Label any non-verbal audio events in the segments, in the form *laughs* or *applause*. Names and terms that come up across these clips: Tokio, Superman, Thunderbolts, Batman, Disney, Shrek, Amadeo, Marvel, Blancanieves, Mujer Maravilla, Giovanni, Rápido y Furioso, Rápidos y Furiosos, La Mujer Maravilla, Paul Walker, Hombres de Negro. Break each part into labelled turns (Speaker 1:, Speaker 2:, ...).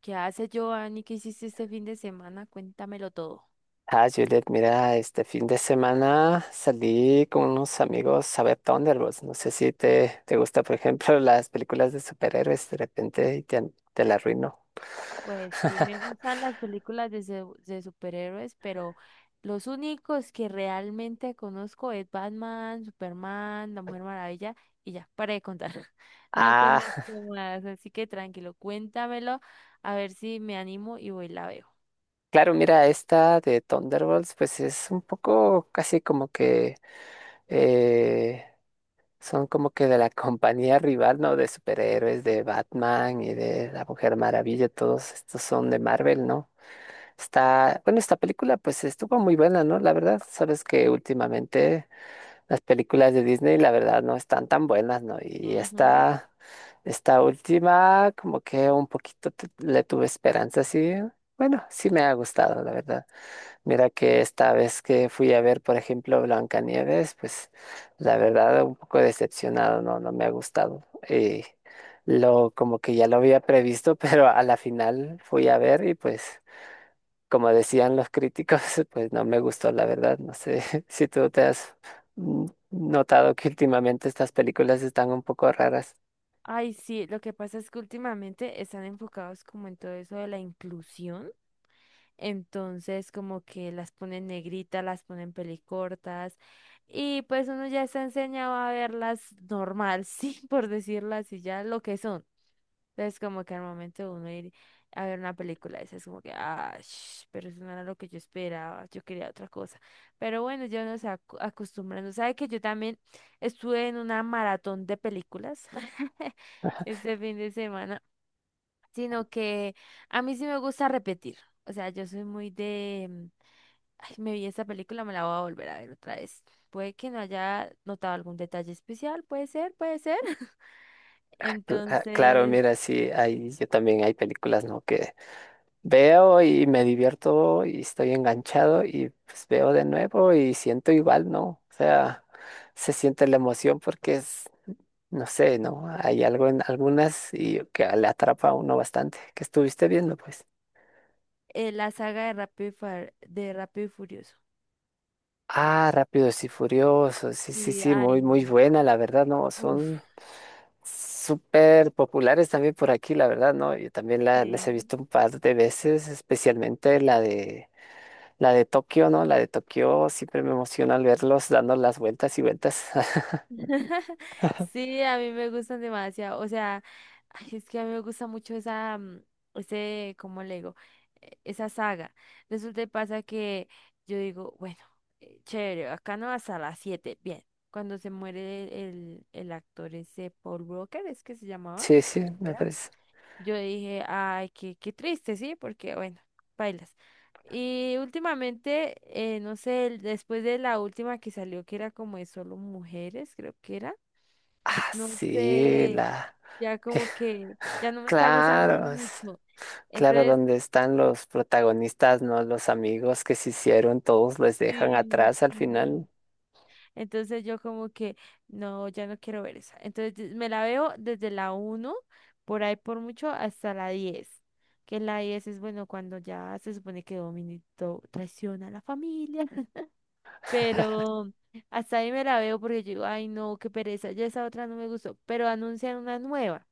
Speaker 1: ¿Qué hace Giovanni? ¿Qué hiciste este fin de semana? Cuéntamelo todo.
Speaker 2: Ah, Juliet, mira, este fin de semana salí con unos amigos a ver Thunderbolts. No sé si te gusta, por ejemplo, *laughs* las películas de superhéroes de repente y te la arruino.
Speaker 1: Pues sí me
Speaker 2: *laughs*
Speaker 1: gustan las películas de superhéroes, pero los únicos que realmente conozco es Batman, Superman, La Mujer Maravilla y ya, para de contar. *laughs* No
Speaker 2: Ah,
Speaker 1: conozco más, así que tranquilo, cuéntamelo, a ver si me animo y voy y la veo.
Speaker 2: claro, mira, esta de Thunderbolts, pues es un poco casi como que eh, son como que de la *laughs* compañía rival, ¿no? De superhéroes, de Batman y de la Mujer Maravilla, todos estos son de Marvel, ¿no? Está, bueno, esta película pues estuvo muy buena, ¿no? La verdad, sabes que últimamente las películas de Disney, la verdad, no están tan buenas, ¿no? Y
Speaker 1: Ujú.
Speaker 2: esta última, como que un poquito le tuve esperanza, sí. Bueno, sí me ha gustado, la verdad. Mira que esta vez que fui a ver, por ejemplo, Blancanieves, pues la verdad, un poco decepcionado, ¿no? No me ha gustado. Y lo, como que ya lo había previsto, *laughs* pero a la final fui a ver y pues como decían los críticos, *laughs* pues no me gustó, la verdad. No sé *laughs* si tú te has mm, notado que últimamente estas películas están un poco raras.
Speaker 1: Ay, sí, lo que pasa es que últimamente están enfocados como en todo eso de la inclusión. Entonces, como que las ponen negritas, las ponen pelicortas, y pues uno ya está enseñado a verlas normal, *laughs* sí, por decirlo así, ya lo que son. Entonces, como que al momento de uno ir a ver una película, esa es como que, pero eso no era lo que yo esperaba, yo quería otra cosa. Pero bueno, ya uno se va acostumbrando. ¿Sabe que yo también estuve en una maratón de películas *laughs* este fin de semana? Sino que a mí sí me gusta repetir. O sea, yo soy muy de, ay, me vi esta película, me la voy a volver a ver otra vez. Puede que no haya notado algún detalle especial, puede ser, puede ser. *laughs*
Speaker 2: Ah, claro,
Speaker 1: Entonces,
Speaker 2: mira, sí, hay, yo también hay películas, ¿no?, que veo y me divierto y estoy enganchado y pues veo de nuevo y siento igual, ¿no? O sea, se siente la emoción porque es, no sé, ¿no? Hay algo en algunas y que le atrapa a uno bastante, que estuviste viendo, pues.
Speaker 1: la saga de Rápido y Furioso.
Speaker 2: Ah, Rápidos y Furiosos, sí, sí,
Speaker 1: Y,
Speaker 2: sí, muy,
Speaker 1: ay,
Speaker 2: muy buena, la verdad, ¿no? Son
Speaker 1: uff,
Speaker 2: súper populares también por aquí, la verdad, ¿no? Yo también la, las he visto un par de veces, especialmente la de Tokio, ¿no? La de Tokio siempre me emociona al verlos dando las vueltas y vueltas. *laughs*
Speaker 1: *laughs* sí, a mí me gustan demasiado. O sea, ay, es que a mí me gusta mucho esa, ese, ¿cómo le digo? Esa saga. Resulta y pasa que yo digo, bueno, chévere, acá no hasta las 7, bien. Cuando se muere el actor ese Paul Walker, es que se llamaba,
Speaker 2: Sí, sí,
Speaker 1: creo que
Speaker 2: me
Speaker 1: era.
Speaker 2: parece.
Speaker 1: Yo dije, ay, qué, qué triste, sí, porque bueno, bailas. Y últimamente, no sé, después de la última que salió, que era como de solo mujeres, creo que era,
Speaker 2: Ah,
Speaker 1: pues no
Speaker 2: sí,
Speaker 1: sé,
Speaker 2: la...
Speaker 1: ya como que ya no
Speaker 2: *laughs*
Speaker 1: me está gustando
Speaker 2: Claro, es-
Speaker 1: mucho.
Speaker 2: claro,
Speaker 1: Entonces,
Speaker 2: donde están los protagonistas, ¿no? Los amigos que se hicieron, todos les dejan
Speaker 1: sí,
Speaker 2: atrás al final.
Speaker 1: sí. Entonces yo como que no, ya no quiero ver esa. Entonces me la veo desde la 1 por ahí por mucho, hasta la 10. Que la 10 es bueno cuando ya se supone que Dominito traiciona a la familia. *laughs* Pero hasta ahí me la veo porque yo digo, ay no, qué pereza, ya esa otra no me gustó. Pero anuncian una nueva.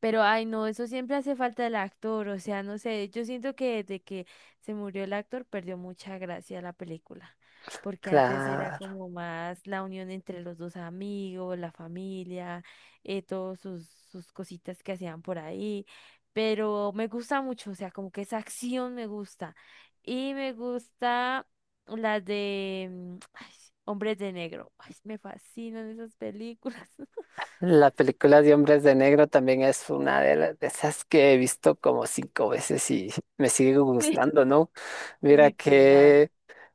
Speaker 1: Pero, ay, no, eso siempre hace falta el actor, o sea, no sé, yo siento que desde que se murió el actor perdió mucha gracia la película, porque antes era
Speaker 2: Claro.
Speaker 1: como más la unión entre los dos amigos, la familia, todos sus cositas que hacían por ahí, pero me gusta mucho, o sea, como que esa acción me gusta, y me gusta la de *tsk* ay, Hombres de Negro, ay, me fascinan esas películas. *laughs*
Speaker 2: La película de Hombres de Negro también es una de, de esas que he visto como cinco veces y me sigue
Speaker 1: Sí.
Speaker 2: gustando, ¿no? Mira
Speaker 1: Literal.
Speaker 2: que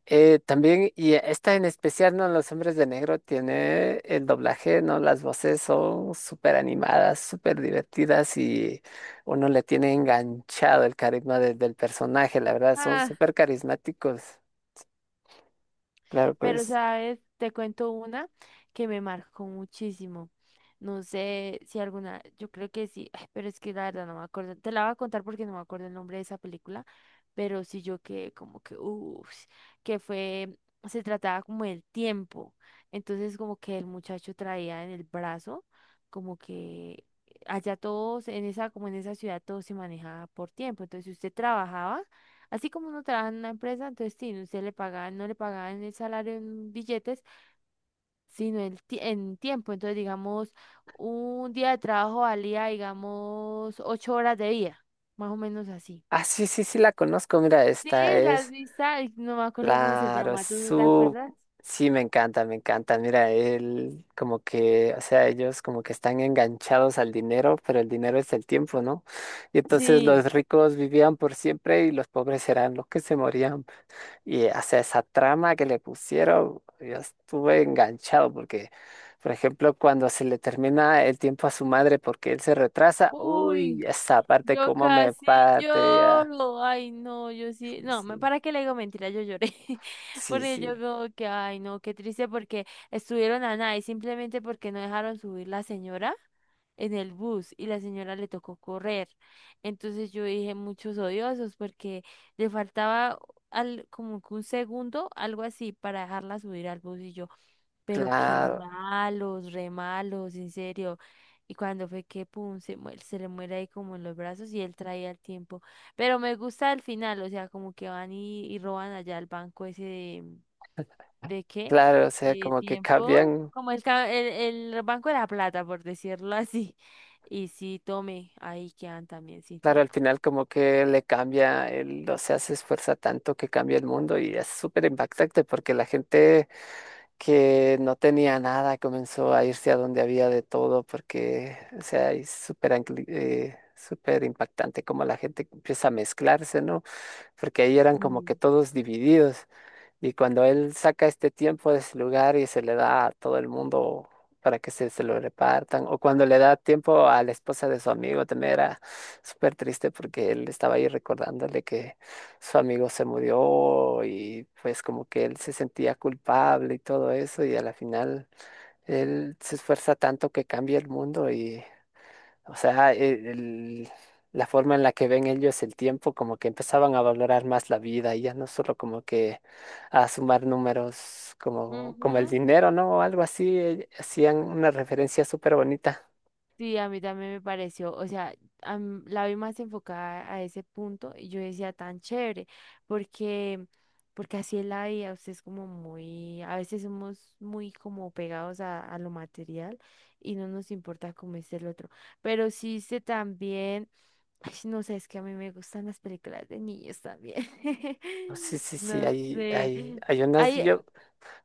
Speaker 2: también, y esta en especial, ¿no? Los Hombres de Negro tiene el doblaje, ¿no? Las voces son súper animadas, súper divertidas y uno le tiene enganchado el carisma del personaje, la verdad, son
Speaker 1: Ah,
Speaker 2: súper carismáticos. Claro,
Speaker 1: pero
Speaker 2: pues.
Speaker 1: ¿sabes? Te cuento una que me marcó muchísimo. No sé si alguna, yo creo que sí, ay, pero es que la verdad no me acuerdo. Te la voy a contar porque no me acuerdo el nombre de esa película, pero sí yo que como que, uff, que fue, se trataba como del tiempo. Entonces como que el muchacho traía en el brazo, como que allá todos, en esa, como en esa ciudad todo se manejaba por tiempo. Entonces, si usted trabajaba, así como uno trabaja en una empresa, entonces sí, usted le pagaban, no le pagaban el salario en billetes, sino el en tiempo. Entonces, digamos, un día de trabajo valía, digamos, 8 horas de vida, más o menos así.
Speaker 2: Ah, sí, sí, sí, la conozco, mira,
Speaker 1: Sí,
Speaker 2: esta
Speaker 1: la
Speaker 2: es.
Speaker 1: lista, ay, no me acuerdo cómo se
Speaker 2: Claro, es
Speaker 1: llama, ¿tú no te
Speaker 2: su...
Speaker 1: acuerdas?
Speaker 2: Sí, me encanta, me encanta. Mira, él como que, o sea, ellos como que están enganchados al dinero, pero el dinero es el tiempo, ¿no? Y entonces
Speaker 1: Sí.
Speaker 2: los ricos vivían por siempre y los pobres eran los que se morían. Y, o sea, esa trama que le pusieron, yo estuve enganchado porque, por ejemplo, cuando se le termina el tiempo a su madre porque él se retrasa, uy,
Speaker 1: Uy.
Speaker 2: esa parte
Speaker 1: Yo
Speaker 2: como me
Speaker 1: casi
Speaker 2: parte ya.
Speaker 1: lloro, ay no, yo sí,
Speaker 2: Sí,
Speaker 1: no,
Speaker 2: sí,
Speaker 1: para qué le digo mentira, yo lloré, *laughs*
Speaker 2: sí,
Speaker 1: porque yo
Speaker 2: sí.
Speaker 1: como que, ay no, qué triste, porque estuvieron a nada y simplemente porque no dejaron subir la señora en el bus y la señora le tocó correr, entonces yo dije, muchos odiosos, porque le faltaba al, como que 1 segundo, algo así, para dejarla subir al bus y yo. Pero qué
Speaker 2: Claro.
Speaker 1: malos, re malos, en serio. Y cuando fue que pum, se le muere ahí como en los brazos y él traía el tiempo. Pero me gusta el final, o sea, como que van y roban allá el banco ese ¿de qué?
Speaker 2: Claro, o sea,
Speaker 1: De
Speaker 2: como que
Speaker 1: tiempo,
Speaker 2: cambian,
Speaker 1: como el Banco de la Plata, por decirlo *laughs* así. Y sí, tome, ahí quedan también sin
Speaker 2: claro, al
Speaker 1: tiempo.
Speaker 2: final como que le cambia, el, o sea, se esfuerza tanto que cambia el mundo y es súper impactante porque la gente que no tenía nada comenzó a irse a donde había de todo porque, o sea, es súper impactante como la gente empieza a mezclarse, ¿no? Porque ahí eran como que
Speaker 1: Sí.
Speaker 2: todos divididos. Y cuando él saca este tiempo de ese lugar y se le da a todo el mundo para que se lo repartan, o cuando le da tiempo a la esposa de su amigo, también era súper triste porque él estaba ahí recordándole que su amigo se murió y pues como que él se sentía culpable y todo eso, y a la final él se esfuerza tanto que cambia el mundo, o sea, la forma en la que ven ellos el tiempo, como que empezaban a valorar más la vida y ya no solo como que a sumar números como, como el
Speaker 1: Ujú.
Speaker 2: dinero, ¿no? O algo así, hacían una referencia súper bonita.
Speaker 1: Sí, a mí también me pareció, o sea, la vi más enfocada a ese punto y yo decía tan chévere, porque, porque, así es la vida, usted es como muy, a veces somos muy como pegados a lo material y no nos importa cómo es el otro, pero sí sé también, ay, no sé, es que a mí me gustan las películas de niños también, *laughs*
Speaker 2: No, sí, sí, sí,
Speaker 1: no
Speaker 2: hay,
Speaker 1: sé,
Speaker 2: hay, hay unas,
Speaker 1: hay.
Speaker 2: yo,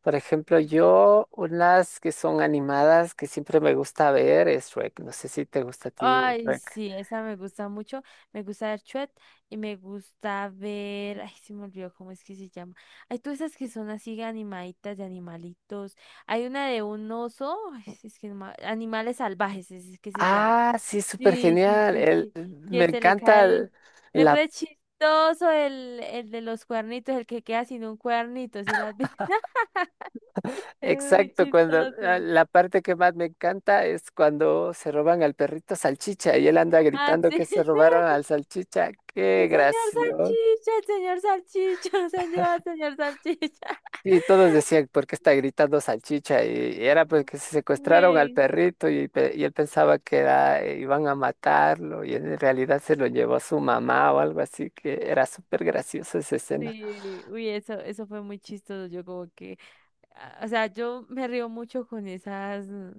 Speaker 2: por ejemplo, yo, unas que son animadas que siempre me gusta ver es Shrek. No sé si te gusta a ti,
Speaker 1: Ay,
Speaker 2: Shrek.
Speaker 1: sí, esa me gusta mucho. Me gusta ver Chuet y me gusta ver. Ay, se me olvidó cómo es que se llama. Hay todas esas que son así animaditas de animalitos. Hay una de un oso. Ay, sí, es que no ma- Animales salvajes, es que se llama.
Speaker 2: Ah, sí, súper
Speaker 1: Sí, sí,
Speaker 2: genial.
Speaker 1: sí,
Speaker 2: El,
Speaker 1: sí.
Speaker 2: me
Speaker 1: Que se le
Speaker 2: encanta
Speaker 1: cae.
Speaker 2: el-
Speaker 1: Es
Speaker 2: la
Speaker 1: re chistoso el de los cuernitos, el que queda sin un cuernito, ¿si lo has visto? *laughs* Es muy
Speaker 2: Exacto, cuando
Speaker 1: chistoso.
Speaker 2: la parte que más me encanta es cuando se roban al perrito salchicha y él anda
Speaker 1: Ah,
Speaker 2: gritando
Speaker 1: sí.
Speaker 2: que se
Speaker 1: *laughs*
Speaker 2: robaron al salchicha. Qué gracioso.
Speaker 1: El señor salchicha, *laughs* señor, señor salchicha.
Speaker 2: Y todos
Speaker 1: *laughs*
Speaker 2: decían, ¿por qué está gritando salchicha? Y era porque se secuestraron al
Speaker 1: Sí,
Speaker 2: perrito y, y él pensaba que era, iban a matarlo y en realidad se lo llevó su mamá o algo así, que era súper graciosa esa escena.
Speaker 1: sí, uy, eso fue muy chistoso. Yo como que o sea, yo me río mucho con esas,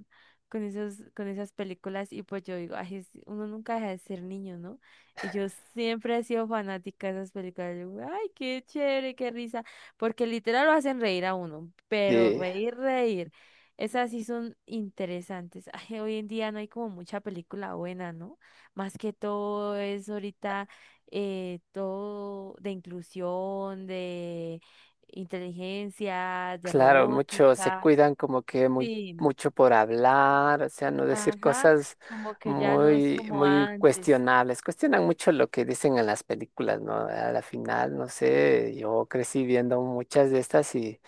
Speaker 1: con esos, con esas películas y pues yo digo, ay, uno nunca deja de ser niño, ¿no? Y yo siempre he sido fanática de esas películas. Yo, ay, qué chévere, qué risa, porque literal lo hacen reír a uno, pero
Speaker 2: Sí.
Speaker 1: reír, reír. Esas sí son interesantes. Ay, hoy en día no hay como mucha película buena, ¿no? Más que todo es ahorita, todo de inclusión, de inteligencia, de
Speaker 2: Claro, muchos se
Speaker 1: robótica,
Speaker 2: cuidan como que muy
Speaker 1: sí,
Speaker 2: mucho por hablar, o sea, no decir
Speaker 1: ajá,
Speaker 2: cosas
Speaker 1: como que ya no es
Speaker 2: muy
Speaker 1: como
Speaker 2: muy
Speaker 1: antes,
Speaker 2: cuestionables. Cuestionan mucho lo que dicen en las películas, ¿no? A la final, no sé, yo crecí viendo muchas de estas y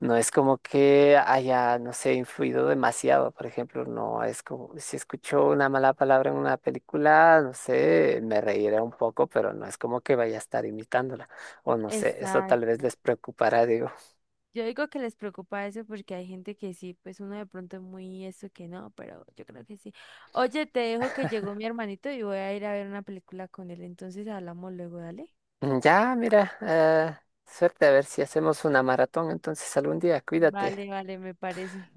Speaker 2: no es como que haya, no sé, influido demasiado, por ejemplo, no es como si escucho una mala palabra en una película, no sé, me reiré un poco, pero no es como que vaya a estar imitándola, o no sé, eso tal vez
Speaker 1: exacto.
Speaker 2: les preocupará, digo.
Speaker 1: Yo digo que les preocupa eso porque hay gente que sí, pues uno de pronto es muy eso que no, pero yo creo que sí. Oye, te dejo que llegó mi hermanito y voy a ir a ver una película con él, entonces hablamos luego, dale.
Speaker 2: Ya, mira, suerte a ver si hacemos una maratón entonces algún día, cuídate.
Speaker 1: Vale, vale, me parece.